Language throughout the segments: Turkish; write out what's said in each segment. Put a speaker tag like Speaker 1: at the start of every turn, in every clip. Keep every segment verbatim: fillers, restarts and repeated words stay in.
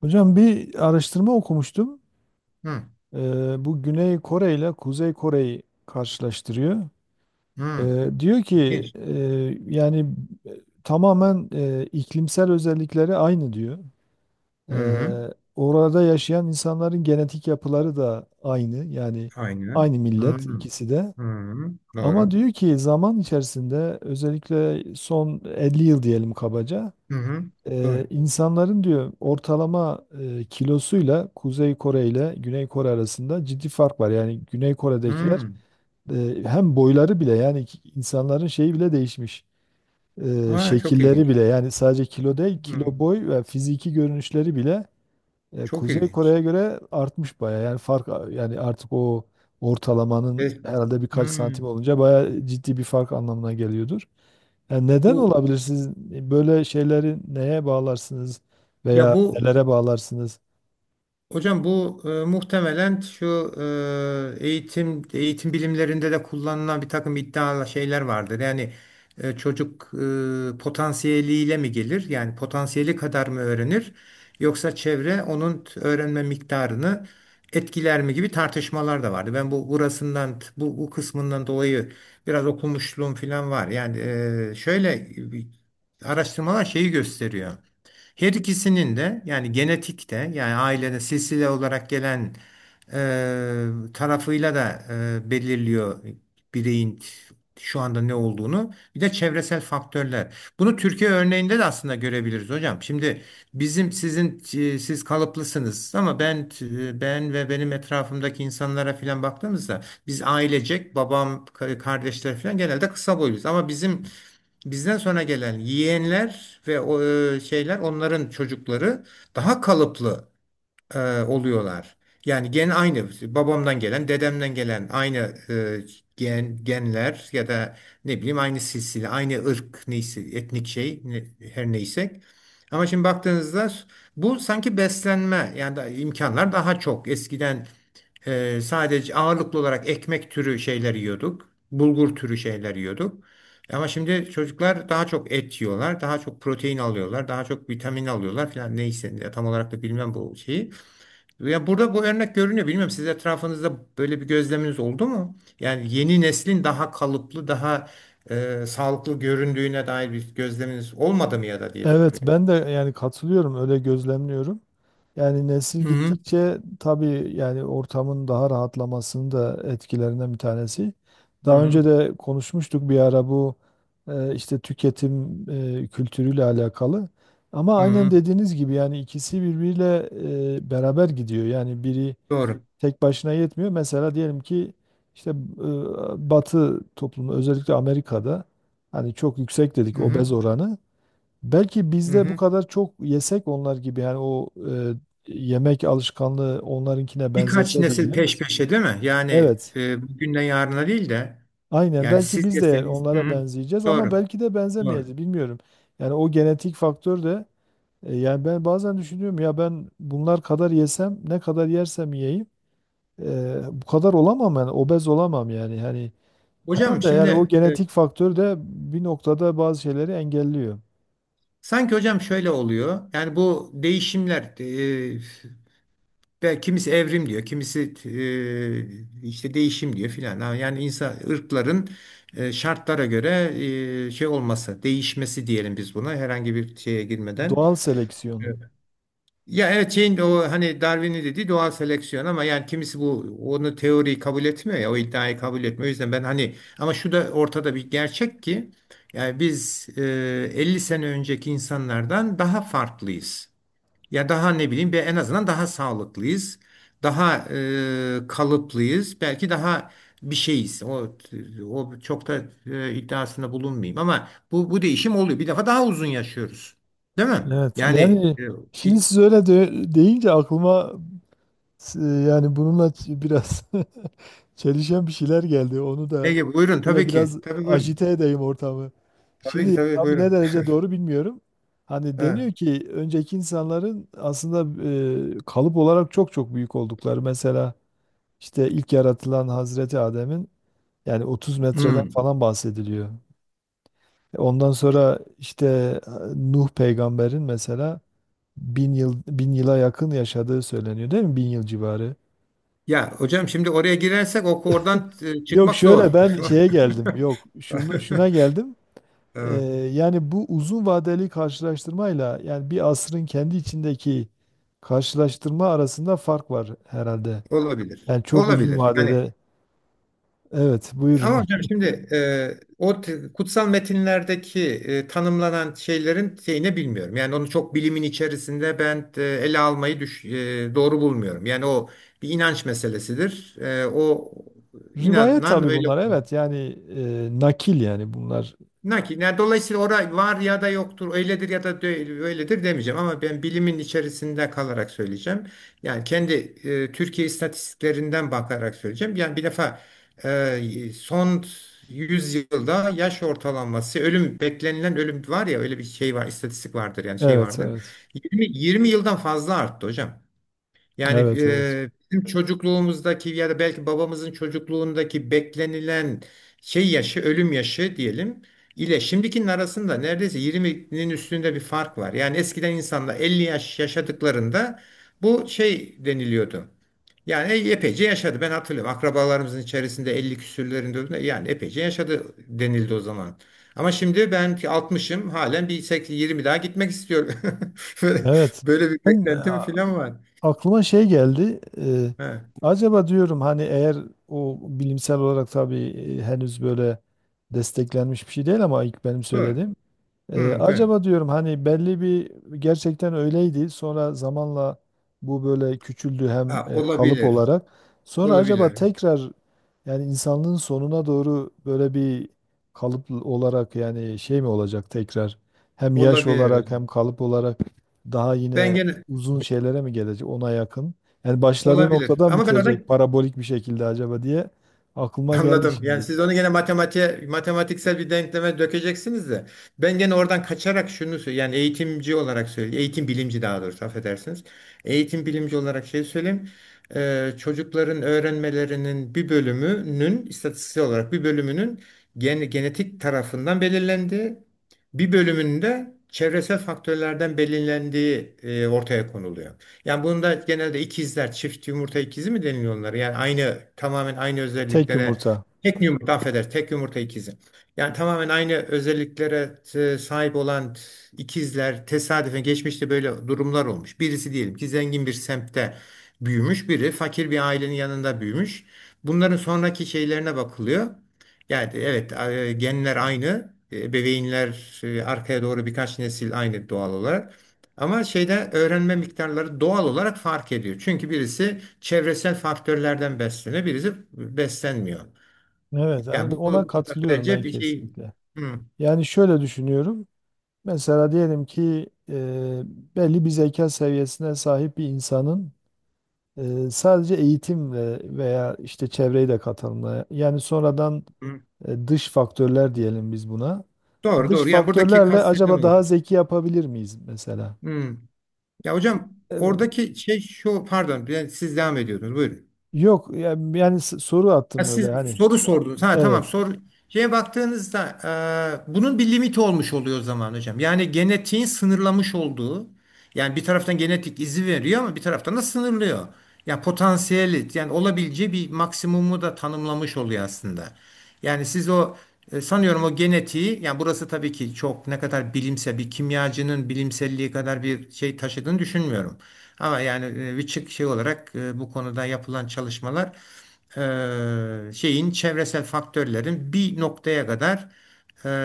Speaker 1: Hocam bir araştırma okumuştum.
Speaker 2: Hı,
Speaker 1: Ee, bu Güney Kore ile Kuzey Kore'yi karşılaştırıyor.
Speaker 2: hı.
Speaker 1: Ee, diyor ki
Speaker 2: İlginç.
Speaker 1: e, yani e, tamamen e, iklimsel özellikleri aynı diyor.
Speaker 2: Hı hı.
Speaker 1: Ee, orada yaşayan insanların genetik yapıları da aynı. Yani
Speaker 2: Aynen.
Speaker 1: aynı
Speaker 2: Hı
Speaker 1: millet
Speaker 2: hı.
Speaker 1: ikisi de.
Speaker 2: Hı hı.
Speaker 1: Ama
Speaker 2: Doğru.
Speaker 1: diyor ki zaman içerisinde özellikle son 50 yıl diyelim kabaca.
Speaker 2: Hı hı.
Speaker 1: Ee,
Speaker 2: Doğru.
Speaker 1: insanların diyor ortalama e, kilosuyla Kuzey Kore ile Güney Kore arasında ciddi fark var. Yani Güney Kore'dekiler
Speaker 2: Hı.
Speaker 1: e, hem boyları bile yani ki- insanların şeyi bile değişmiş. Ee,
Speaker 2: Aa, çok
Speaker 1: şekilleri
Speaker 2: ilginç.
Speaker 1: bile yani sadece kilo değil,
Speaker 2: Hı.
Speaker 1: kilo, boy ve fiziki görünüşleri bile e,
Speaker 2: Çok
Speaker 1: Kuzey
Speaker 2: ilginç.
Speaker 1: Kore'ye göre artmış baya. Yani fark a- yani artık o ortalamanın
Speaker 2: Evet.
Speaker 1: herhalde birkaç
Speaker 2: Hı.
Speaker 1: santim olunca baya ciddi bir fark anlamına geliyordur. Yani neden
Speaker 2: Bu
Speaker 1: olabilir, siz böyle şeyleri neye bağlarsınız
Speaker 2: ya
Speaker 1: veya
Speaker 2: bu
Speaker 1: nelere bağlarsınız?
Speaker 2: Hocam bu e, muhtemelen şu e, eğitim eğitim bilimlerinde de kullanılan bir takım iddialı şeyler vardır. Yani e, çocuk e, potansiyeliyle mi gelir? Yani potansiyeli kadar mı öğrenir? Yoksa çevre onun t- öğrenme miktarını etkiler mi gibi tartışmalar da vardı. Ben bu burasından t- bu, bu kısmından dolayı biraz okumuşluğum falan var. Yani e, şöyle e, bir- araştırmalar şeyi gösteriyor. Her ikisinin de yani genetikte yani ailede silsile olarak gelen e, tarafıyla da e, belirliyor bireyin şu anda ne olduğunu. Bir de çevresel faktörler. Bunu Türkiye örneğinde de aslında görebiliriz hocam. Şimdi bizim sizin e, siz kalıplısınız ama ben e, ben ve benim etrafımdaki insanlara filan baktığımızda biz ailecek babam ka- kardeşler filan genelde kısa boyluyuz ama bizim bizden sonra gelen yeğenler ve o e, şeyler onların çocukları daha kalıplı e, oluyorlar. Yani gen aynı babamdan gelen, dedemden gelen aynı e, gen genler ya da ne bileyim aynı silsile, aynı ırk neyse etnik şey ne- her neyse. Ama şimdi baktığınızda bu sanki beslenme yani da imkanlar daha çok. Eskiden ee, sadece ağırlıklı olarak ekmek türü şeyler yiyorduk. Bulgur türü şeyler yiyorduk. Ama şimdi çocuklar daha çok et yiyorlar, daha çok protein alıyorlar, daha çok vitamin alıyorlar falan neyse ya tam olarak da bilmem bu şeyi. Ya burada bu örnek görünüyor. Bilmiyorum siz etrafınızda böyle bir gözleminiz oldu mu? Yani yeni neslin daha kalıplı, daha e, sağlıklı göründüğüne dair bir gözleminiz olmadı mı ya da diye
Speaker 1: Evet,
Speaker 2: sorayım.
Speaker 1: ben de yani katılıyorum, öyle gözlemliyorum. Yani nesil
Speaker 2: Hı hı.
Speaker 1: gittikçe tabii, yani ortamın daha rahatlamasının da etkilerinden bir tanesi.
Speaker 2: Hı
Speaker 1: Daha
Speaker 2: hı.
Speaker 1: önce de konuşmuştuk bir ara bu e, işte tüketim e, kültürüyle alakalı. Ama
Speaker 2: Hı
Speaker 1: aynen
Speaker 2: hı.
Speaker 1: dediğiniz gibi yani ikisi birbiriyle e, beraber gidiyor. Yani biri
Speaker 2: Doğru.
Speaker 1: tek başına yetmiyor. Mesela diyelim ki işte e, Batı toplumu özellikle Amerika'da hani çok yüksek dedik
Speaker 2: Hı hı.
Speaker 1: obez oranı. Belki
Speaker 2: Hı
Speaker 1: bizde bu
Speaker 2: hı.
Speaker 1: kadar çok yesek onlar gibi, yani o e, yemek alışkanlığı onlarınkine
Speaker 2: Birkaç
Speaker 1: benzese
Speaker 2: nesil
Speaker 1: diyelim.
Speaker 2: peş peşe değil mi? Yani
Speaker 1: Evet.
Speaker 2: e, bugünden yarına değil de
Speaker 1: Aynen,
Speaker 2: yani
Speaker 1: belki
Speaker 2: siz
Speaker 1: biz de
Speaker 2: deseniz hı
Speaker 1: onlara
Speaker 2: hı,
Speaker 1: benzeyeceğiz ama
Speaker 2: doğru
Speaker 1: belki de
Speaker 2: doğru.
Speaker 1: benzemeyeceğiz, bilmiyorum. Yani o genetik faktör de e, yani ben bazen düşünüyorum ya, ben bunlar kadar yesem, ne kadar yersem yiyeyim e, bu kadar olamam, yani obez olamam yani hani.
Speaker 2: Hocam
Speaker 1: Herhalde yani o
Speaker 2: şimdi e,
Speaker 1: genetik faktör de bir noktada bazı şeyleri engelliyor.
Speaker 2: sanki hocam şöyle oluyor. Yani bu değişimler e, belki kimisi evrim diyor, kimisi e, işte değişim diyor filan. Ha, yani insan ırkların e, şartlara göre e, şey olması, değişmesi diyelim biz buna herhangi bir şeye girmeden.
Speaker 1: Doğal seleksiyon.
Speaker 2: Ya evet şeyin o hani Darwin'in dediği doğal seleksiyon ama yani kimisi bu onu teoriyi kabul etmiyor ya o iddiayı kabul etmiyor. O yüzden ben hani ama şu da ortada bir gerçek ki yani biz e, elli sene önceki insanlardan daha farklıyız. Ya daha ne bileyim bir en azından daha sağlıklıyız. Daha e, kalıplıyız. Belki daha bir şeyiz. O o çok da e, iddiasında bulunmayayım ama bu bu değişim oluyor. Bir defa daha uzun yaşıyoruz. Değil mi?
Speaker 1: Evet.
Speaker 2: Yani
Speaker 1: Yani
Speaker 2: e,
Speaker 1: şimdi siz öyle de- deyince aklıma e, yani bununla ç- biraz çelişen bir şeyler geldi. Onu da
Speaker 2: Ege buyurun
Speaker 1: böyle
Speaker 2: tabii ki.
Speaker 1: biraz
Speaker 2: Tabii buyurun.
Speaker 1: ajite edeyim ortamı.
Speaker 2: Tabii ki
Speaker 1: Şimdi
Speaker 2: tabii
Speaker 1: tabii ne
Speaker 2: buyurun.
Speaker 1: derece doğru bilmiyorum. Hani
Speaker 2: Evet.
Speaker 1: deniyor ki önceki insanların aslında e, kalıp olarak çok çok büyük oldukları. Mesela İşte ilk yaratılan Hazreti Adem'in yani otuz metreden
Speaker 2: Hmm.
Speaker 1: falan bahsediliyor. E, Ondan sonra işte e, Nuh peygamberin mesela bin yıl bin yıla yakın yaşadığı söyleniyor değil mi? Bin yıl civarı.
Speaker 2: Ya hocam şimdi oraya girersek o oradan e,
Speaker 1: Yok,
Speaker 2: çıkmak zor.
Speaker 1: şöyle ben şeye geldim. Yok, şunu, şuna geldim. Ee,
Speaker 2: Evet,
Speaker 1: yani bu uzun vadeli karşılaştırmayla yani bir asrın kendi içindeki karşılaştırma arasında fark var herhalde.
Speaker 2: olabilir.
Speaker 1: Yani çok uzun
Speaker 2: Olabilir. Yani
Speaker 1: vadede. Evet,
Speaker 2: ama
Speaker 1: buyurun.
Speaker 2: hocam şimdi e, o t- kutsal metinlerdeki e, tanımlanan şeylerin şeyini bilmiyorum. Yani onu çok bilimin içerisinde ben e, ele almayı düş, e, doğru bulmuyorum. Yani o bir inanç meselesidir. E, o
Speaker 1: Rivayet
Speaker 2: inanan
Speaker 1: tabii
Speaker 2: öyle
Speaker 1: bunlar.
Speaker 2: olur.
Speaker 1: Evet yani e, nakil yani bunlar.
Speaker 2: Nakil. Yani dolayısıyla orada var ya da yoktur, öyledir ya da dö- öyledir demeyeceğim ama ben bilimin içerisinde kalarak söyleyeceğim. Yani kendi e, Türkiye istatistiklerinden bakarak söyleyeceğim. Yani bir defa e, son yüz yılda yaş ortalaması, ölüm beklenilen ölüm var ya öyle bir şey var, istatistik vardır yani şey
Speaker 1: Evet,
Speaker 2: vardır.
Speaker 1: evet.
Speaker 2: yirmi yirmi yıldan fazla arttı hocam. Yani
Speaker 1: Evet, evet.
Speaker 2: e, bizim çocukluğumuzdaki ya da belki babamızın çocukluğundaki beklenilen şey yaşı, ölüm yaşı diyelim ile şimdikinin arasında neredeyse yirminin üstünde bir fark var. Yani eskiden insanlar elli yaş yaşadıklarında bu şey deniliyordu. Yani e- epeyce yaşadı. Ben hatırlıyorum. Akrabalarımızın içerisinde elli küsürlerinde öldü. Yani epeyce yaşadı denildi o zaman. Ama şimdi ben ki altmışım halen bir seksen yirmi daha gitmek istiyorum. Böyle,
Speaker 1: Evet.
Speaker 2: böyle bir
Speaker 1: Ben
Speaker 2: beklentim
Speaker 1: a-
Speaker 2: falan var.
Speaker 1: aklıma şey geldi. e,
Speaker 2: He.
Speaker 1: acaba diyorum hani, eğer o bilimsel olarak tabii e, henüz böyle desteklenmiş bir şey değil ama ilk benim
Speaker 2: Evet.
Speaker 1: söylediğim. Ee,
Speaker 2: Hmm, ben.
Speaker 1: acaba diyorum hani belli bir gerçekten öyleydi. Sonra zamanla bu böyle küçüldü hem
Speaker 2: Ha,
Speaker 1: e, kalıp
Speaker 2: olabilir.
Speaker 1: olarak. Sonra acaba
Speaker 2: Olabilir.
Speaker 1: tekrar yani insanlığın sonuna doğru böyle bir kalıp olarak yani şey mi olacak tekrar? Hem yaş
Speaker 2: Olabilir
Speaker 1: olarak hem
Speaker 2: hocam.
Speaker 1: kalıp olarak daha
Speaker 2: Ben
Speaker 1: yine
Speaker 2: gene
Speaker 1: uzun şeylere mi gelecek, ona yakın? Yani başladığı
Speaker 2: olabilir.
Speaker 1: noktadan
Speaker 2: Ama ben adam
Speaker 1: bitirecek parabolik bir şekilde acaba diye aklıma geldi
Speaker 2: anladım. Yani
Speaker 1: şimdi.
Speaker 2: siz onu gene matematiğe, matematiksel bir denkleme dökeceksiniz de. Ben gene oradan kaçarak şunu söyleyeyim. Yani eğitimci olarak söyleyeyim. Eğitim bilimci daha doğrusu affedersiniz. Eğitim bilimci olarak şey söyleyeyim. Ee, çocukların öğrenmelerinin bir bölümünün istatistiksel olarak bir bölümünün gen- genetik tarafından belirlendiği, bir bölümünde çevresel faktörlerden belirlendiği e, ortaya konuluyor. Yani bunda genelde ikizler, çift yumurta ikizi mi deniliyor onlara? Yani aynı tamamen aynı
Speaker 1: Tek
Speaker 2: özelliklere
Speaker 1: yumurta.
Speaker 2: tek yumurta affeder. Tek yumurta ikizi. Yani tamamen aynı özelliklere e, sahip olan ikizler tesadüfen geçmişte böyle durumlar olmuş. Birisi diyelim ki zengin bir semtte büyümüş, biri fakir bir ailenin yanında büyümüş. Bunların sonraki şeylerine bakılıyor. Yani evet e, genler aynı, e, ebeveynler e, arkaya doğru birkaç nesil aynı doğal olarak. Ama şeyde öğrenme miktarları doğal olarak fark ediyor. Çünkü birisi çevresel faktörlerden besleniyor, birisi beslenmiyor.
Speaker 1: Evet,
Speaker 2: Yani
Speaker 1: yani
Speaker 2: bu
Speaker 1: ona
Speaker 2: bu
Speaker 1: katılıyorum
Speaker 2: bence
Speaker 1: ben
Speaker 2: bir şey.
Speaker 1: kesinlikle.
Speaker 2: Hı,
Speaker 1: Yani şöyle düşünüyorum. Mesela diyelim ki e, belli bir zeka seviyesine sahip bir insanın e, sadece eğitimle veya işte çevreyi de katalımla, yani sonradan
Speaker 2: hı.
Speaker 1: e, dış faktörler diyelim biz buna.
Speaker 2: Doğru
Speaker 1: Dış
Speaker 2: doğru. Yani buradaki
Speaker 1: faktörlerle
Speaker 2: kastedilen
Speaker 1: acaba
Speaker 2: o.
Speaker 1: daha zeki yapabilir miyiz mesela?
Speaker 2: Hı. Ya hocam
Speaker 1: E,
Speaker 2: oradaki şey şu pardon ben siz devam ediyordunuz. Buyurun.
Speaker 1: yok yani, yani s- soru
Speaker 2: Ha,
Speaker 1: attım öyle
Speaker 2: siz
Speaker 1: hani.
Speaker 2: soru sordunuz. Ha tamam
Speaker 1: Evet.
Speaker 2: soru. Şeye baktığınızda e, bunun bir limiti olmuş oluyor o zaman hocam. Yani genetiğin sınırlamış olduğu yani bir taraftan genetik izi veriyor ama bir taraftan da sınırlıyor. Ya potansiyeli yani olabileceği bir maksimumu da tanımlamış oluyor aslında. Yani siz o e, sanıyorum o genetiği yani burası tabii ki çok ne kadar bilimsel bir kimyacının bilimselliği kadar bir şey taşıdığını düşünmüyorum. Ama yani e, bir çık şey olarak e, bu konuda yapılan çalışmalar e, şeyin çevresel faktörlerin bir noktaya kadar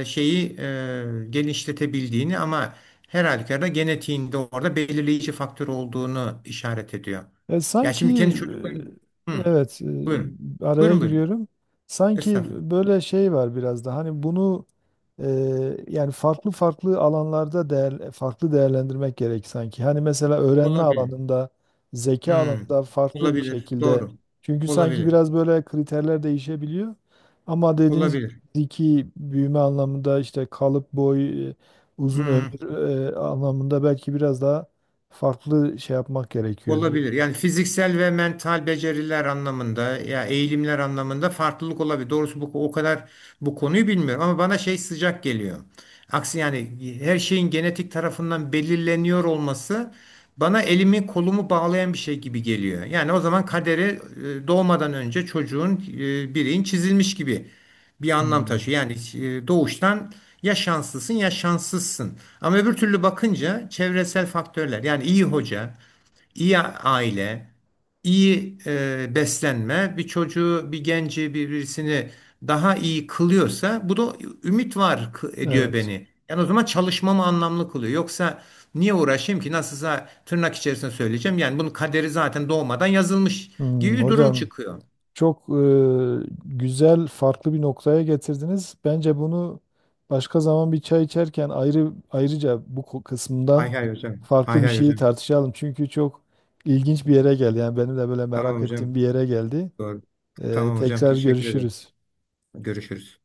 Speaker 2: e, şeyi e, genişletebildiğini ama her halükarda genetiğinde orada belirleyici faktör olduğunu işaret ediyor.
Speaker 1: E,
Speaker 2: Ya
Speaker 1: sanki
Speaker 2: şimdi kendi çocuklarım. Hı,
Speaker 1: e, evet
Speaker 2: buyurun.
Speaker 1: e, araya
Speaker 2: Buyurun buyurun.
Speaker 1: giriyorum. Sanki
Speaker 2: Estağfurullah.
Speaker 1: böyle şey var biraz da hani bunu e, yani farklı farklı alanlarda değer, farklı değerlendirmek gerek sanki. Hani mesela öğrenme
Speaker 2: Olabilir.
Speaker 1: alanında, zeka
Speaker 2: Hı,
Speaker 1: alanında farklı bir
Speaker 2: olabilir.
Speaker 1: şekilde.
Speaker 2: Doğru.
Speaker 1: Çünkü sanki
Speaker 2: Olabilir.
Speaker 1: biraz böyle kriterler değişebiliyor. Ama dediğiniz gibi
Speaker 2: Olabilir.
Speaker 1: fiziki büyüme anlamında işte kalıp, boy, e, uzun
Speaker 2: Hı.
Speaker 1: ömür e, anlamında belki biraz daha farklı şey yapmak gerekiyor diye.
Speaker 2: Olabilir. Yani fiziksel ve mental beceriler anlamında ya eğilimler anlamında farklılık olabilir. Doğrusu bu o kadar bu konuyu bilmiyorum ama bana şey sıcak geliyor. Aksi yani her şeyin genetik tarafından belirleniyor olması bana elimi kolumu bağlayan bir şey gibi geliyor. Yani o zaman kaderi e, doğmadan önce çocuğun e, bireyin çizilmiş gibi bir anlam
Speaker 1: Hmm,
Speaker 2: taşıyor. Yani e, doğuştan ya şanslısın ya şanssızsın. Ama öbür türlü bakınca çevresel faktörler yani iyi hoca iyi aile, iyi e, beslenme bir çocuğu, bir genci, birisini daha iyi kılıyorsa bu da ümit var kı- ediyor
Speaker 1: evet.
Speaker 2: beni. Yani o zaman çalışmamı anlamlı kılıyor. Yoksa niye uğraşayım ki? Nasılsa tırnak içerisinde söyleyeceğim. Yani bunun kaderi zaten doğmadan yazılmış
Speaker 1: Hmm,
Speaker 2: gibi bir durum
Speaker 1: hocam
Speaker 2: çıkıyor.
Speaker 1: çok e, güzel, farklı bir noktaya getirdiniz. Bence bunu başka zaman bir çay içerken ayrı ayrıca bu ko- kısmından
Speaker 2: Hay hay hocam.
Speaker 1: farklı
Speaker 2: Hay
Speaker 1: bir
Speaker 2: hay
Speaker 1: şeyi
Speaker 2: hocam.
Speaker 1: tartışalım. Çünkü çok ilginç bir yere geldi. Yani benim de böyle
Speaker 2: Tamam
Speaker 1: merak
Speaker 2: hocam.
Speaker 1: ettiğim bir yere geldi.
Speaker 2: Doğru.
Speaker 1: E,
Speaker 2: Tamam hocam.
Speaker 1: tekrar
Speaker 2: Teşekkür ederim.
Speaker 1: görüşürüz.
Speaker 2: Görüşürüz.